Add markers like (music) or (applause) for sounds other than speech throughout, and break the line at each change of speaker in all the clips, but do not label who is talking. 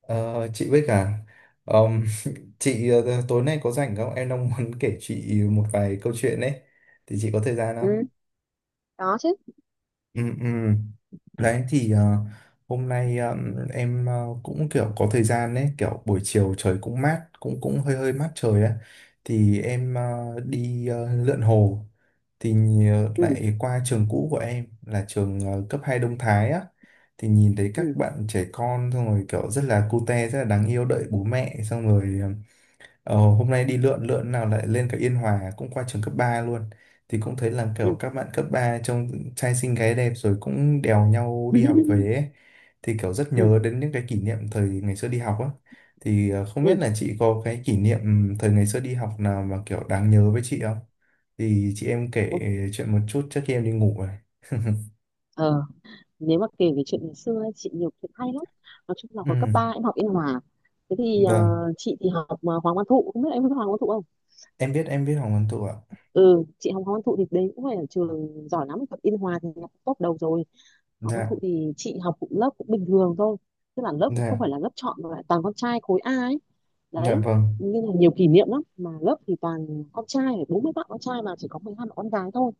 Ờ, chị với cả ờm, (laughs) chị, tối nay có rảnh không? Em đang muốn kể chị một vài câu chuyện đấy. Thì chị có thời gian không?
Ừ, có chứ.
Ừ, ừ. Đấy thì hôm nay em cũng kiểu có thời gian đấy, kiểu buổi chiều trời cũng mát, cũng cũng hơi hơi mát trời á. Thì em đi lượn hồ, thì
Ừ,
lại qua trường cũ của em là trường cấp 2 Đông Thái á. Thì nhìn thấy
ừ,
các bạn trẻ con, xong rồi kiểu rất là cute, rất là đáng yêu, đợi bố mẹ xong rồi. Ờ, Hôm nay đi lượn lượn nào lại lên cả Yên Hòa, cũng qua trường cấp 3 luôn. Thì cũng thấy là kiểu
ừ.
các bạn cấp 3 trông trai xinh gái đẹp, rồi cũng đèo nhau đi học về
(laughs)
ấy. Thì kiểu rất
Ừ,
nhớ đến những cái kỷ niệm thời ngày xưa đi học á. Thì không
ừ,
biết là chị có cái kỷ niệm thời ngày xưa đi học nào mà kiểu đáng nhớ với chị không, thì chị em kể
ừ.
chuyện một chút trước khi em đi ngủ rồi. (laughs)
ờ nếu mà kể về chuyện ngày xưa ấy, chị nhiều chuyện hay lắm. Nói chung là
Ừ,
hồi cấp 3 em học Yên Hòa. Thế thì
vâng.
chị thì học Hoàng Văn Thụ, không biết em biết Hoàng Văn Thụ không?
Em biết Hoàng Văn Thụ ạ.
Ừ, chị học Hoàng Văn Thụ thì đấy cũng phải là trường giỏi lắm. Học Yên Hòa thì học top đầu rồi. Hoàng Văn Thụ
Dạ.
thì chị học cũng lớp cũng bình thường thôi, tức là lớp cũng không
Dạ
phải là lớp chọn mà lại toàn con trai khối A ấy
dạ
đấy,
vâng.
nên là nhiều kỷ niệm lắm mà lớp thì toàn con trai, 40 bạn con trai mà chỉ có 12 bạn con gái thôi.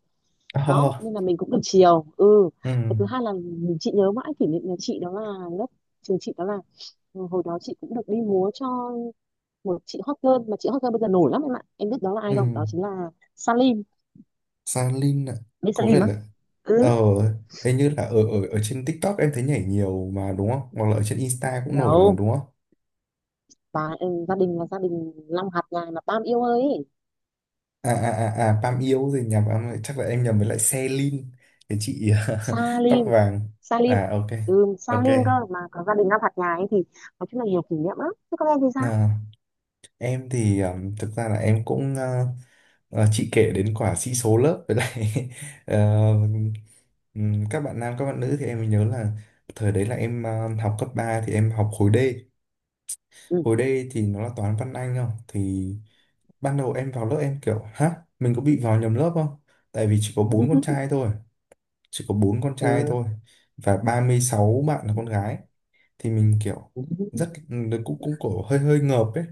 (laughs)
Đó
ờ,
nên là mình cũng được chiều. Ừ.
ừ,
Cái thứ hai là mình chị nhớ mãi kỷ niệm, nhà chị đó là lớp, trường chị đó là, hồi đó chị cũng được đi múa cho một chị hot girl, mà chị hot girl bây giờ nổi lắm em ạ, em biết đó là ai không? Đó
ừ.
chính là Salim.
San ạ.
Biết
Có vẻ
Salim á?
là.
Ừ,
ờ Hình như là ở ở ở trên TikTok em thấy nhảy nhiều mà, đúng không? Hoặc là ở trên Insta cũng nổi mà,
đâu
đúng không?
bà, gia đình là gia đình Long hạt nhà là Tam yêu ơi ấy.
À à à, à Pam yêu rồi, nhầm em ơi, chắc là em nhầm với lại Selin, cái chị (laughs) tóc
Salim.
vàng.
Salim.
À, ok.
Ừ,
Ok.
Salim cơ mà có gia đình Long hạt nhà ấy thì nói chung là nhiều kỷ niệm lắm. Thế các em thì sao?
À, em thì thực ra là em cũng. Ờ, chị kể đến quả sĩ số lớp với lại (laughs) ờ, các bạn nam, các bạn nữ thì em mới nhớ là thời đấy là em học cấp 3 thì em học khối D,
Ừ.
hồi đây thì nó là toán văn anh không. Thì ban đầu em vào lớp em kiểu hả, mình có bị vào nhầm lớp không, tại vì chỉ có bốn con trai
(laughs)
thôi. Chỉ có bốn con
Ừ,
trai thôi, và 36 bạn là con gái. Thì mình kiểu rất cũng cũng cổ hơi hơi ngợp ấy.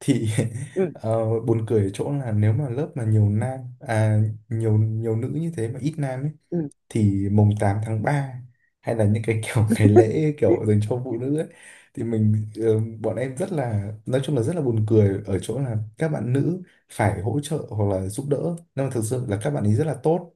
Thì
ừ,
(laughs)
ừ,
buồn cười ở chỗ là nếu mà lớp mà nhiều nam, à nhiều nhiều nữ như thế mà ít nam ấy,
ừ.
thì mùng 8 tháng 3 hay là những cái kiểu (laughs) ngày lễ kiểu dành cho phụ nữ ấy, thì mình. Ờ, Bọn em rất là, nói chung là rất là buồn cười ở chỗ là các bạn nữ phải hỗ trợ hoặc là giúp đỡ. Nhưng mà thực sự là các bạn ấy rất là tốt,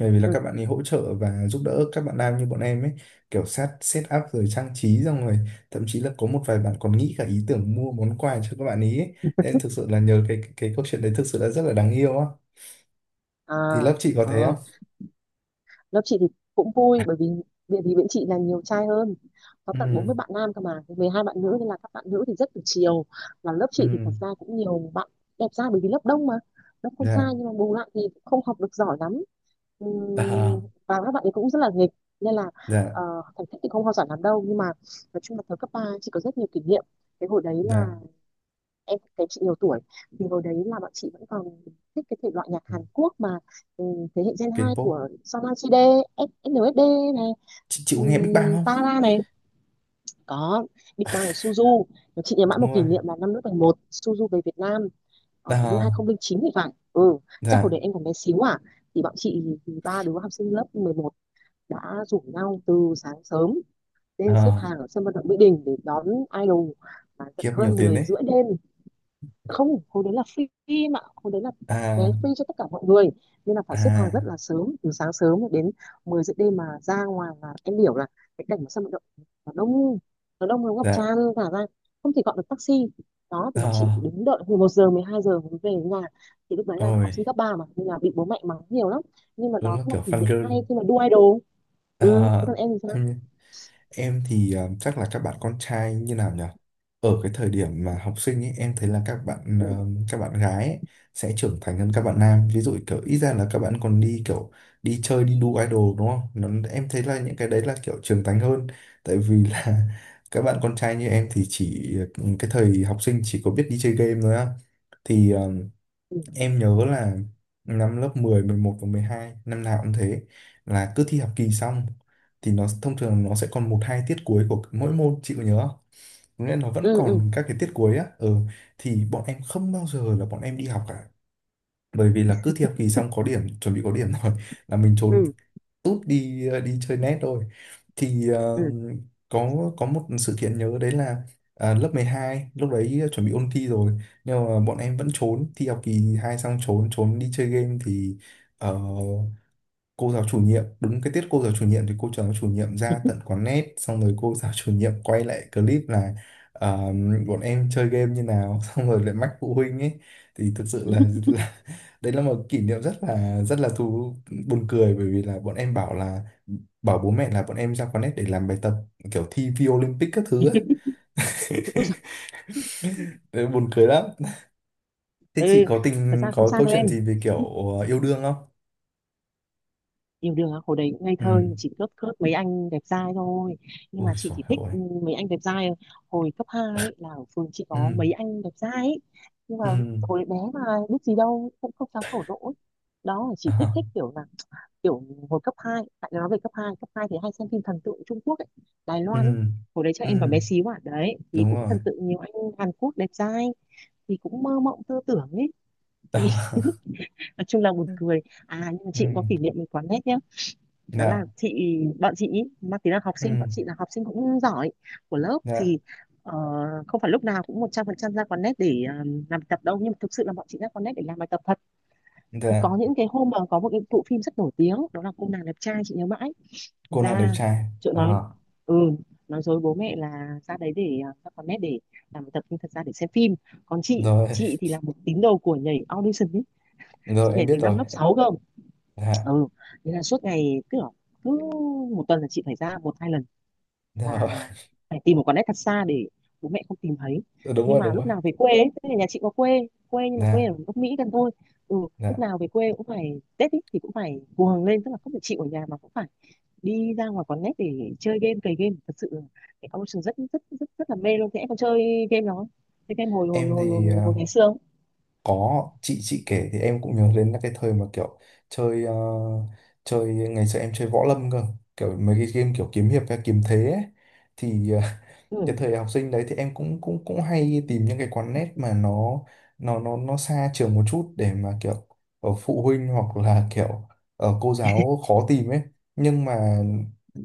bởi vì là các bạn ấy hỗ trợ và giúp đỡ các bạn nam như bọn em ấy, kiểu set
Ừ.
set up rồi trang trí, xong rồi thậm chí là có một vài bạn còn nghĩ cả ý tưởng mua món quà cho các bạn ý ấy. Nên thực sự là nhờ cái cái câu chuyện đấy thực sự là rất là đáng yêu á.
À,
Thì lớp chị có
ờ,
thế không?
lớp chị thì cũng vui bởi vì địa vì bên chị là nhiều trai hơn, có tận 40
Ừ,
bạn nam cơ mà 12 bạn nữ nên là các bạn nữ thì rất được chiều. Và lớp chị thì
ừ.
thật ra cũng nhiều bạn đẹp trai bởi vì lớp đông mà, lớp con trai
Dạ.
nhưng mà bù lại thì cũng không học được giỏi lắm. Ừm,
À.
và các bạn ấy cũng rất là nghịch nên là
Dạ.
ờ, thành tích thì không hoa giỏi lắm đâu, nhưng mà nói chung là thời cấp ba chị có rất nhiều kỷ niệm. Cái hồi đấy là
Dạ.
em thấy chị nhiều tuổi, thì hồi đấy là bọn chị vẫn còn thích cái thể loại nhạc Hàn Quốc mà, ừ, thế hệ Gen 2
K-pop.
của SNSD, SNSD này,
Chị có nghe Big Bang không?
Tara này, có Big Bang là Suzu. Mà chị nhớ mãi
Đúng
một kỷ
rồi.
niệm là năm lớp 11 Suzu về Việt Nam, hình như
À.
2009 thì phải. Ừ, chắc hồi
Dạ.
đấy em còn bé xíu à, thì bọn chị thì ba đứa học sinh lớp 11 đã rủ nhau từ sáng sớm lên xếp
À,
hàng ở sân vận động Mỹ Đình để đón idol, và tận
khiếp nhiều
hơn
tiền
10
đấy.
rưỡi đêm. Không, hồi đấy là free mà, hồi đấy là vé
À.
free cho tất cả mọi người nên là phải xếp hàng
À.
rất là sớm, từ sáng sớm đến 10 giờ đêm. Mà ra ngoài là em hiểu là cái cảnh mà sân vận động nó đông, nó ngập
Dạ.
tràn cả ra, không thể gọi được taxi. Đó thì bọn chị phải
À.
đứng đợi từ 1 giờ, 12 giờ mới về đến nhà, thì lúc đấy là
Rồi.
học sinh cấp 3 mà nên là bị bố mẹ mắng nhiều lắm. Nhưng mà
Đúng
đó
là
cũng là
kiểu
kỷ
fan
niệm
girl.
hay khi mà đu idol. Ừ, thế
À,
còn em thì sao?
em thì chắc là các bạn con trai như nào nhỉ? Ở cái thời điểm mà học sinh ấy, em thấy là các bạn
Ừ,
các bạn gái ấy sẽ trưởng thành hơn các bạn nam. Ví dụ kiểu ít ra là các bạn còn đi kiểu đi chơi, đi đu idol, đúng không? Nó, em thấy là những cái đấy là kiểu trưởng thành hơn. Tại vì là (laughs) các bạn con trai như em thì chỉ. Cái thời học sinh chỉ có biết đi chơi game thôi á. Thì
ừ,
em nhớ là năm lớp 10, 11 và 12 năm nào cũng thế, là cứ thi học kỳ xong thì nó thông thường nó sẽ còn một hai tiết cuối của mỗi môn, chị có nhớ không? Có nghĩa là nó vẫn
ừ, ừ,
còn các cái tiết cuối á. Ừ. Thì bọn em không bao giờ là bọn em đi học cả, bởi vì là cứ thi học kỳ xong có điểm, chuẩn bị có điểm (laughs) rồi là mình trốn
ừ,
tút đi, đi chơi net rồi. Thì
ừ.
có một sự kiện nhớ đấy là, à, lớp 12 lúc đấy chuẩn bị ôn thi rồi, nhưng mà bọn em vẫn trốn thi học kỳ hai, xong trốn trốn đi chơi game. Thì ờ, cô giáo chủ nhiệm, đúng cái tiết cô giáo chủ nhiệm, thì cô giáo chủ nhiệm ra tận quán net, xong rồi cô giáo chủ nhiệm quay lại clip là ờ, bọn em chơi game như nào, (laughs) xong rồi lại mách phụ huynh ấy. Thì thực sự là, (laughs) là đấy là một kỷ niệm rất là thú, buồn cười, bởi vì là bọn em bảo là, bảo bố mẹ là bọn em ra quán net để làm bài tập, kiểu thi vi Olympic các thứ ấy.
Ui giời.
(laughs) Đấy, buồn cười lắm. Thế
Ừ.
chị có
Thật
tình,
ra không
có
sao
câu
đâu em,
chuyện gì về kiểu yêu đương không?
yêu đương á? Hồi đấy cũng ngây
Ừ.
thơ, nhưng chỉ cướp cướp mấy anh đẹp trai thôi. Nhưng mà
Ui
chị
dồi
chỉ thích
ôi.
mấy anh đẹp trai hồi cấp 2 ấy, là ở phường chị
Ừ.
có mấy anh đẹp trai ấy. Nhưng mà
Ừ.
hồi bé mà biết gì đâu, cũng không dám thổ lộ ấy. Đó chỉ
Ờ.
thích thích kiểu là, kiểu hồi cấp hai, tại nói về cấp hai thì hay xem phim thần tượng Trung Quốc ấy, Đài
Ừ.
Loan ấy. Hồi đấy chắc
Ừ.
em còn bé xíu à, đấy thì
Đúng
cũng
rồi.
thần tượng nhiều anh Hàn Quốc đẹp trai, thì cũng mơ mộng tơ tưởng ấy. (laughs) Thì
Đó.
nói chung là buồn cười. À, nhưng mà chị cũng có kỷ
Ừ.
niệm với quán nét nhá, đó là
Dạ.
bọn chị ý, mang tính là học
Ừ.
sinh, bọn chị là học sinh cũng giỏi của lớp
Dạ.
thì ờ, không phải lúc nào cũng 100% ra quán nét để làm bài tập đâu, nhưng mà thực sự là bọn chị ra quán nét để làm bài tập thật. Thì
Dạ.
có những cái hôm mà có một cái bộ phim rất nổi tiếng, đó là cô nàng đẹp trai, chị nhớ mãi. Thì
Cô nàng đẹp
ra
trai.
chỗ
Đó.
ừ nói dối bố mẹ là ra đấy để ra quán nét để làm bài tập nhưng thật ra để xem phim. Còn chị
Rồi,
chị thì là một tín đồ của nhảy audition ấy. Chị
rồi em
nhảy từ
biết
năm
rồi.
lớp 6 cơ.
Dạ.
Ừ, thế là suốt ngày cứ, cứ một tuần là chị phải ra một hai lần, và
Rồi.
phải tìm một quán net thật xa để bố mẹ không tìm thấy.
Ừ, đúng
Nhưng
rồi
mà
đúng
lúc
rồi.
nào về quê ấy, tức là nhà chị có quê quê nhưng mà quê ở
Dạ.
gốc Mỹ gần thôi. Ừ, lúc
Dạ.
nào về quê cũng phải Tết ý, thì cũng phải cuồng lên, tức là không phải chịu ở nhà mà cũng phải đi ra ngoài quán net để chơi game, cày game thật sự là cái Ocean rất rất rất rất là mê luôn. Thế em còn chơi game đó, chơi game hồi hồi
Em
hồi
thì
hồi, hồi ngày xưa không?
có chị kể thì em cũng nhớ đến là cái thời mà kiểu chơi, chơi ngày xưa em chơi võ lâm cơ, kiểu mấy cái game kiểu kiếm hiệp hay kiếm thế ấy. Thì
Ừ.
cái thời học sinh đấy thì em cũng cũng cũng hay tìm những cái quán net mà nó nó xa trường một chút, để mà kiểu ở phụ huynh hoặc là kiểu ở cô giáo khó tìm ấy. Nhưng mà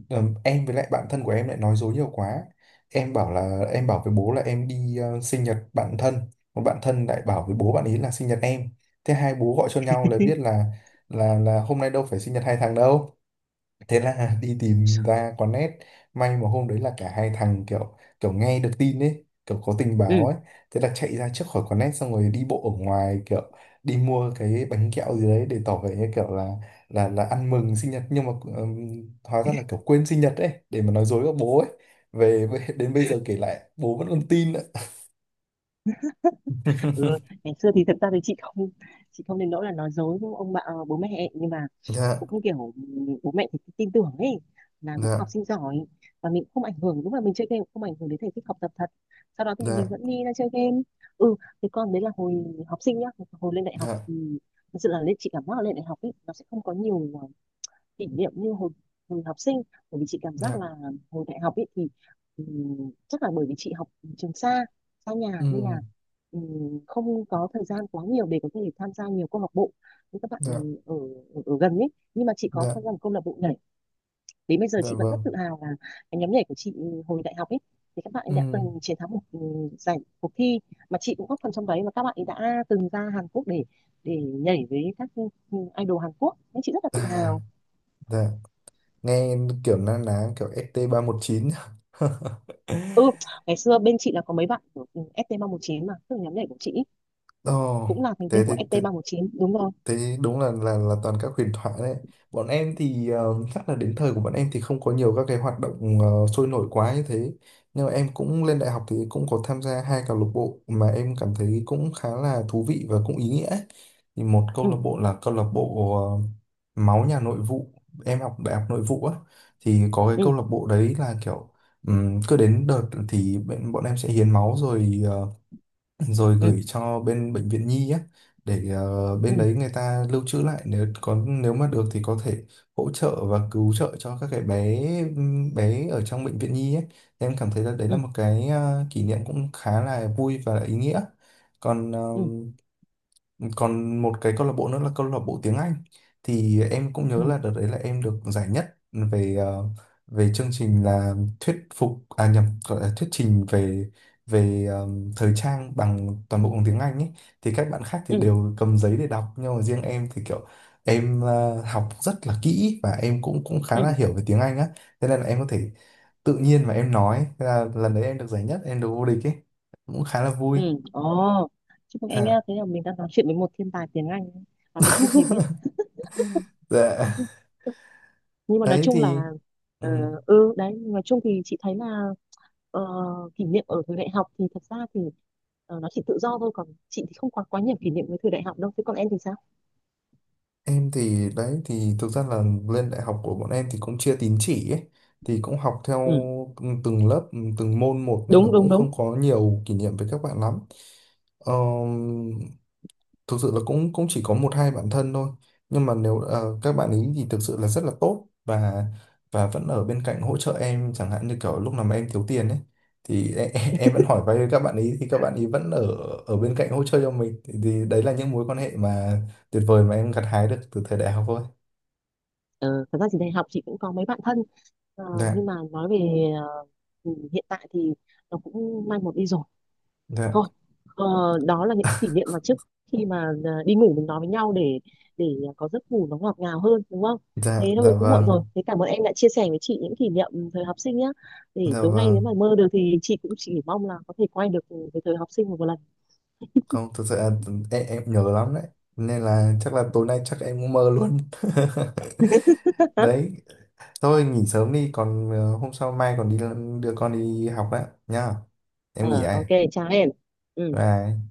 em với lại bạn thân của em lại nói dối nhiều quá, em bảo là, em bảo với bố là em đi sinh nhật bạn thân, một bạn thân lại bảo với bố bạn ấy là sinh nhật em. Thế hai bố gọi cho nhau là biết
(laughs)
là, là hôm nay đâu phải sinh nhật hai thằng đâu. Thế là (laughs) đi tìm ra có nét. May mà hôm đấy là cả hai thằng kiểu kiểu nghe được tin ấy, kiểu có tình báo
Ừ,
ấy, thế là chạy ra trước khỏi có nét, xong rồi đi bộ ở ngoài, kiểu đi mua cái bánh kẹo gì đấy để tỏ vẻ như kiểu là là ăn mừng sinh nhật. Nhưng mà hóa ra là kiểu quên sinh nhật ấy, để mà nói dối với bố ấy về (laughs) đến bây giờ kể lại bố vẫn còn tin ạ.
ừ,
(laughs)
ngày xưa thì thật ra thì chị không, chị không đến nỗi là nói dối với ông bà bố mẹ ấy. Nhưng mà
Dạ.
cũng kiểu bố mẹ thì tin tưởng ấy, là mình cũng học
Dạ.
sinh giỏi và mình cũng không ảnh hưởng, lúc mà mình chơi game cũng không ảnh hưởng đến thành tích học tập thật, sau đó thì mình
Dạ.
vẫn đi ra chơi game. Ừ, thì con đấy là hồi học sinh nhá, hồi lên đại học
Dạ.
thì thực sự là, lên chị cảm giác là lên đại học ấy nó sẽ không có nhiều kỷ niệm như hồi học sinh, bởi vì chị cảm giác
Dạ.
là hồi đại học ấy thì chắc là bởi vì chị học trường xa, xa nhà nên
Ừ.
là không có thời gian quá nhiều để có thể tham gia nhiều câu lạc bộ như các bạn
Dạ.
ở, ở gần ấy. Nhưng mà chị có
Dạ.
tham gia một câu lạc bộ nhảy, đến bây giờ
Dạ
chị vẫn rất
vâng.
tự hào là cái nhóm nhảy của chị hồi đại học ấy thì các bạn ấy đã
Ừ.
từng chiến thắng một giải cuộc thi mà chị cũng góp phần trong đấy, và các bạn ấy đã từng ra Hàn Quốc để nhảy với các idol Hàn Quốc nên chị rất là tự
Dạ.
hào.
Dạ. Nghe kiểu na ná kiểu st chín. (laughs)
Ừ, ngày xưa bên chị là có mấy bạn của ST319 mà, tức là nhóm nhảy của chị
Ồ.
cũng là thành viên
Thế,
của
thế, thế,
ST319, đúng rồi.
thế đúng là là toàn các huyền thoại đấy. Bọn em thì chắc là đến thời của bọn em thì không có nhiều các cái hoạt động sôi nổi quá như thế. Nhưng mà em cũng lên đại học thì cũng có tham gia hai câu lạc bộ mà em cảm thấy cũng khá là thú vị và cũng ý nghĩa. Thì một câu
Ừ,
lạc bộ là câu lạc bộ máu nhà nội vụ, em học đại học nội vụ á. Thì có cái câu
ừ,
lạc bộ đấy là kiểu cứ đến đợt thì bọn em sẽ hiến máu, rồi rồi
ừ,
gửi cho bên bệnh viện nhi á, để
ừ,
bên đấy người ta lưu trữ lại, nếu có, nếu mà được thì có thể hỗ trợ và cứu trợ cho các cái bé, bé ở trong bệnh viện nhi ấy. Em cảm thấy là đấy là
ừ,
một cái kỷ niệm cũng khá là vui và ý nghĩa. Còn
ừ,
còn một cái câu lạc bộ nữa là câu lạc bộ tiếng Anh. Thì em cũng
ừ,
nhớ là đợt đấy là em được giải nhất về về chương trình là thuyết phục, à nhầm, gọi là thuyết trình về về thời trang bằng toàn bộ bằng tiếng Anh ấy. Thì các bạn khác thì
ừ,
đều cầm giấy để đọc, nhưng mà riêng em thì kiểu em học rất là kỹ và em cũng cũng khá
ừ,
là hiểu về tiếng Anh á. Thế nên là em có thể tự nhiên mà em nói. Thế là lần đấy em được giải nhất, em được vô địch ấy, cũng khá là vui.
ừ.
(laughs)
Ồ, chúc mừng em nhá,
Ha.
thế là mình đang nói chuyện với một thiên tài tiếng Anh mà mình không hề biết.
Dạ.
Nhưng mà nói
Đấy
chung
thì.
là,
Ừ,
ờ, đấy, nói chung thì chị thấy là ờ, kỷ niệm ở thời đại học thì thật ra thì nó chỉ tự do thôi, còn chị thì không có quá nhiều kỷ niệm với thời đại học đâu, thế còn em thì sao?
em thì đấy thì thực ra là lên đại học của bọn em thì cũng chia tín chỉ ấy, thì cũng học theo
Ừ,
từng lớp từng môn một, nên là
đúng, đúng,
cũng
đúng.
không có nhiều kỷ niệm với các bạn lắm. Ờ, thực sự là cũng cũng chỉ có một hai bạn thân thôi. Nhưng mà nếu các bạn ấy thì thực sự là rất là tốt, và vẫn ở bên cạnh hỗ trợ em, chẳng hạn như kiểu lúc nào mà em thiếu tiền ấy, thì em (laughs) em vẫn hỏi vay với các bạn ấy, thì các bạn ấy vẫn ở, ở bên cạnh hỗ trợ cho mình. Thì đấy là những mối quan hệ mà tuyệt vời mà em gặt hái được từ thời đại học thôi.
Ờ, thật ra thì đại học chị cũng có mấy bạn thân, Ờ,
Dạ.
nhưng mà nói về ờ, hiện tại thì nó cũng mai một đi rồi
Dạ.
thôi. Ờ, đó là những kỷ niệm mà trước khi mà đi ngủ mình nói với nhau để để có giấc ngủ nó ngọt ngào hơn, đúng không? Thế
Dạ. Dạ
thôi cũng muộn
vâng.
rồi, thế cảm ơn em đã chia sẻ với chị những kỷ niệm thời học sinh nhé, để
Dạ
tối nay nếu
vâng.
mà mơ được thì chị cũng chỉ mong là có thể quay được cái thời học sinh một lần.
Không, thực sự là em nhớ lắm đấy, nên là chắc là tối nay chắc em cũng mơ luôn. (laughs)
(laughs)
Đấy. Thôi nghỉ sớm đi, còn hôm sau, mai còn đi đưa con đi học đấy nhá. Em nghỉ
Ờ,
đây.
ok chào em. Ừ.
Bye.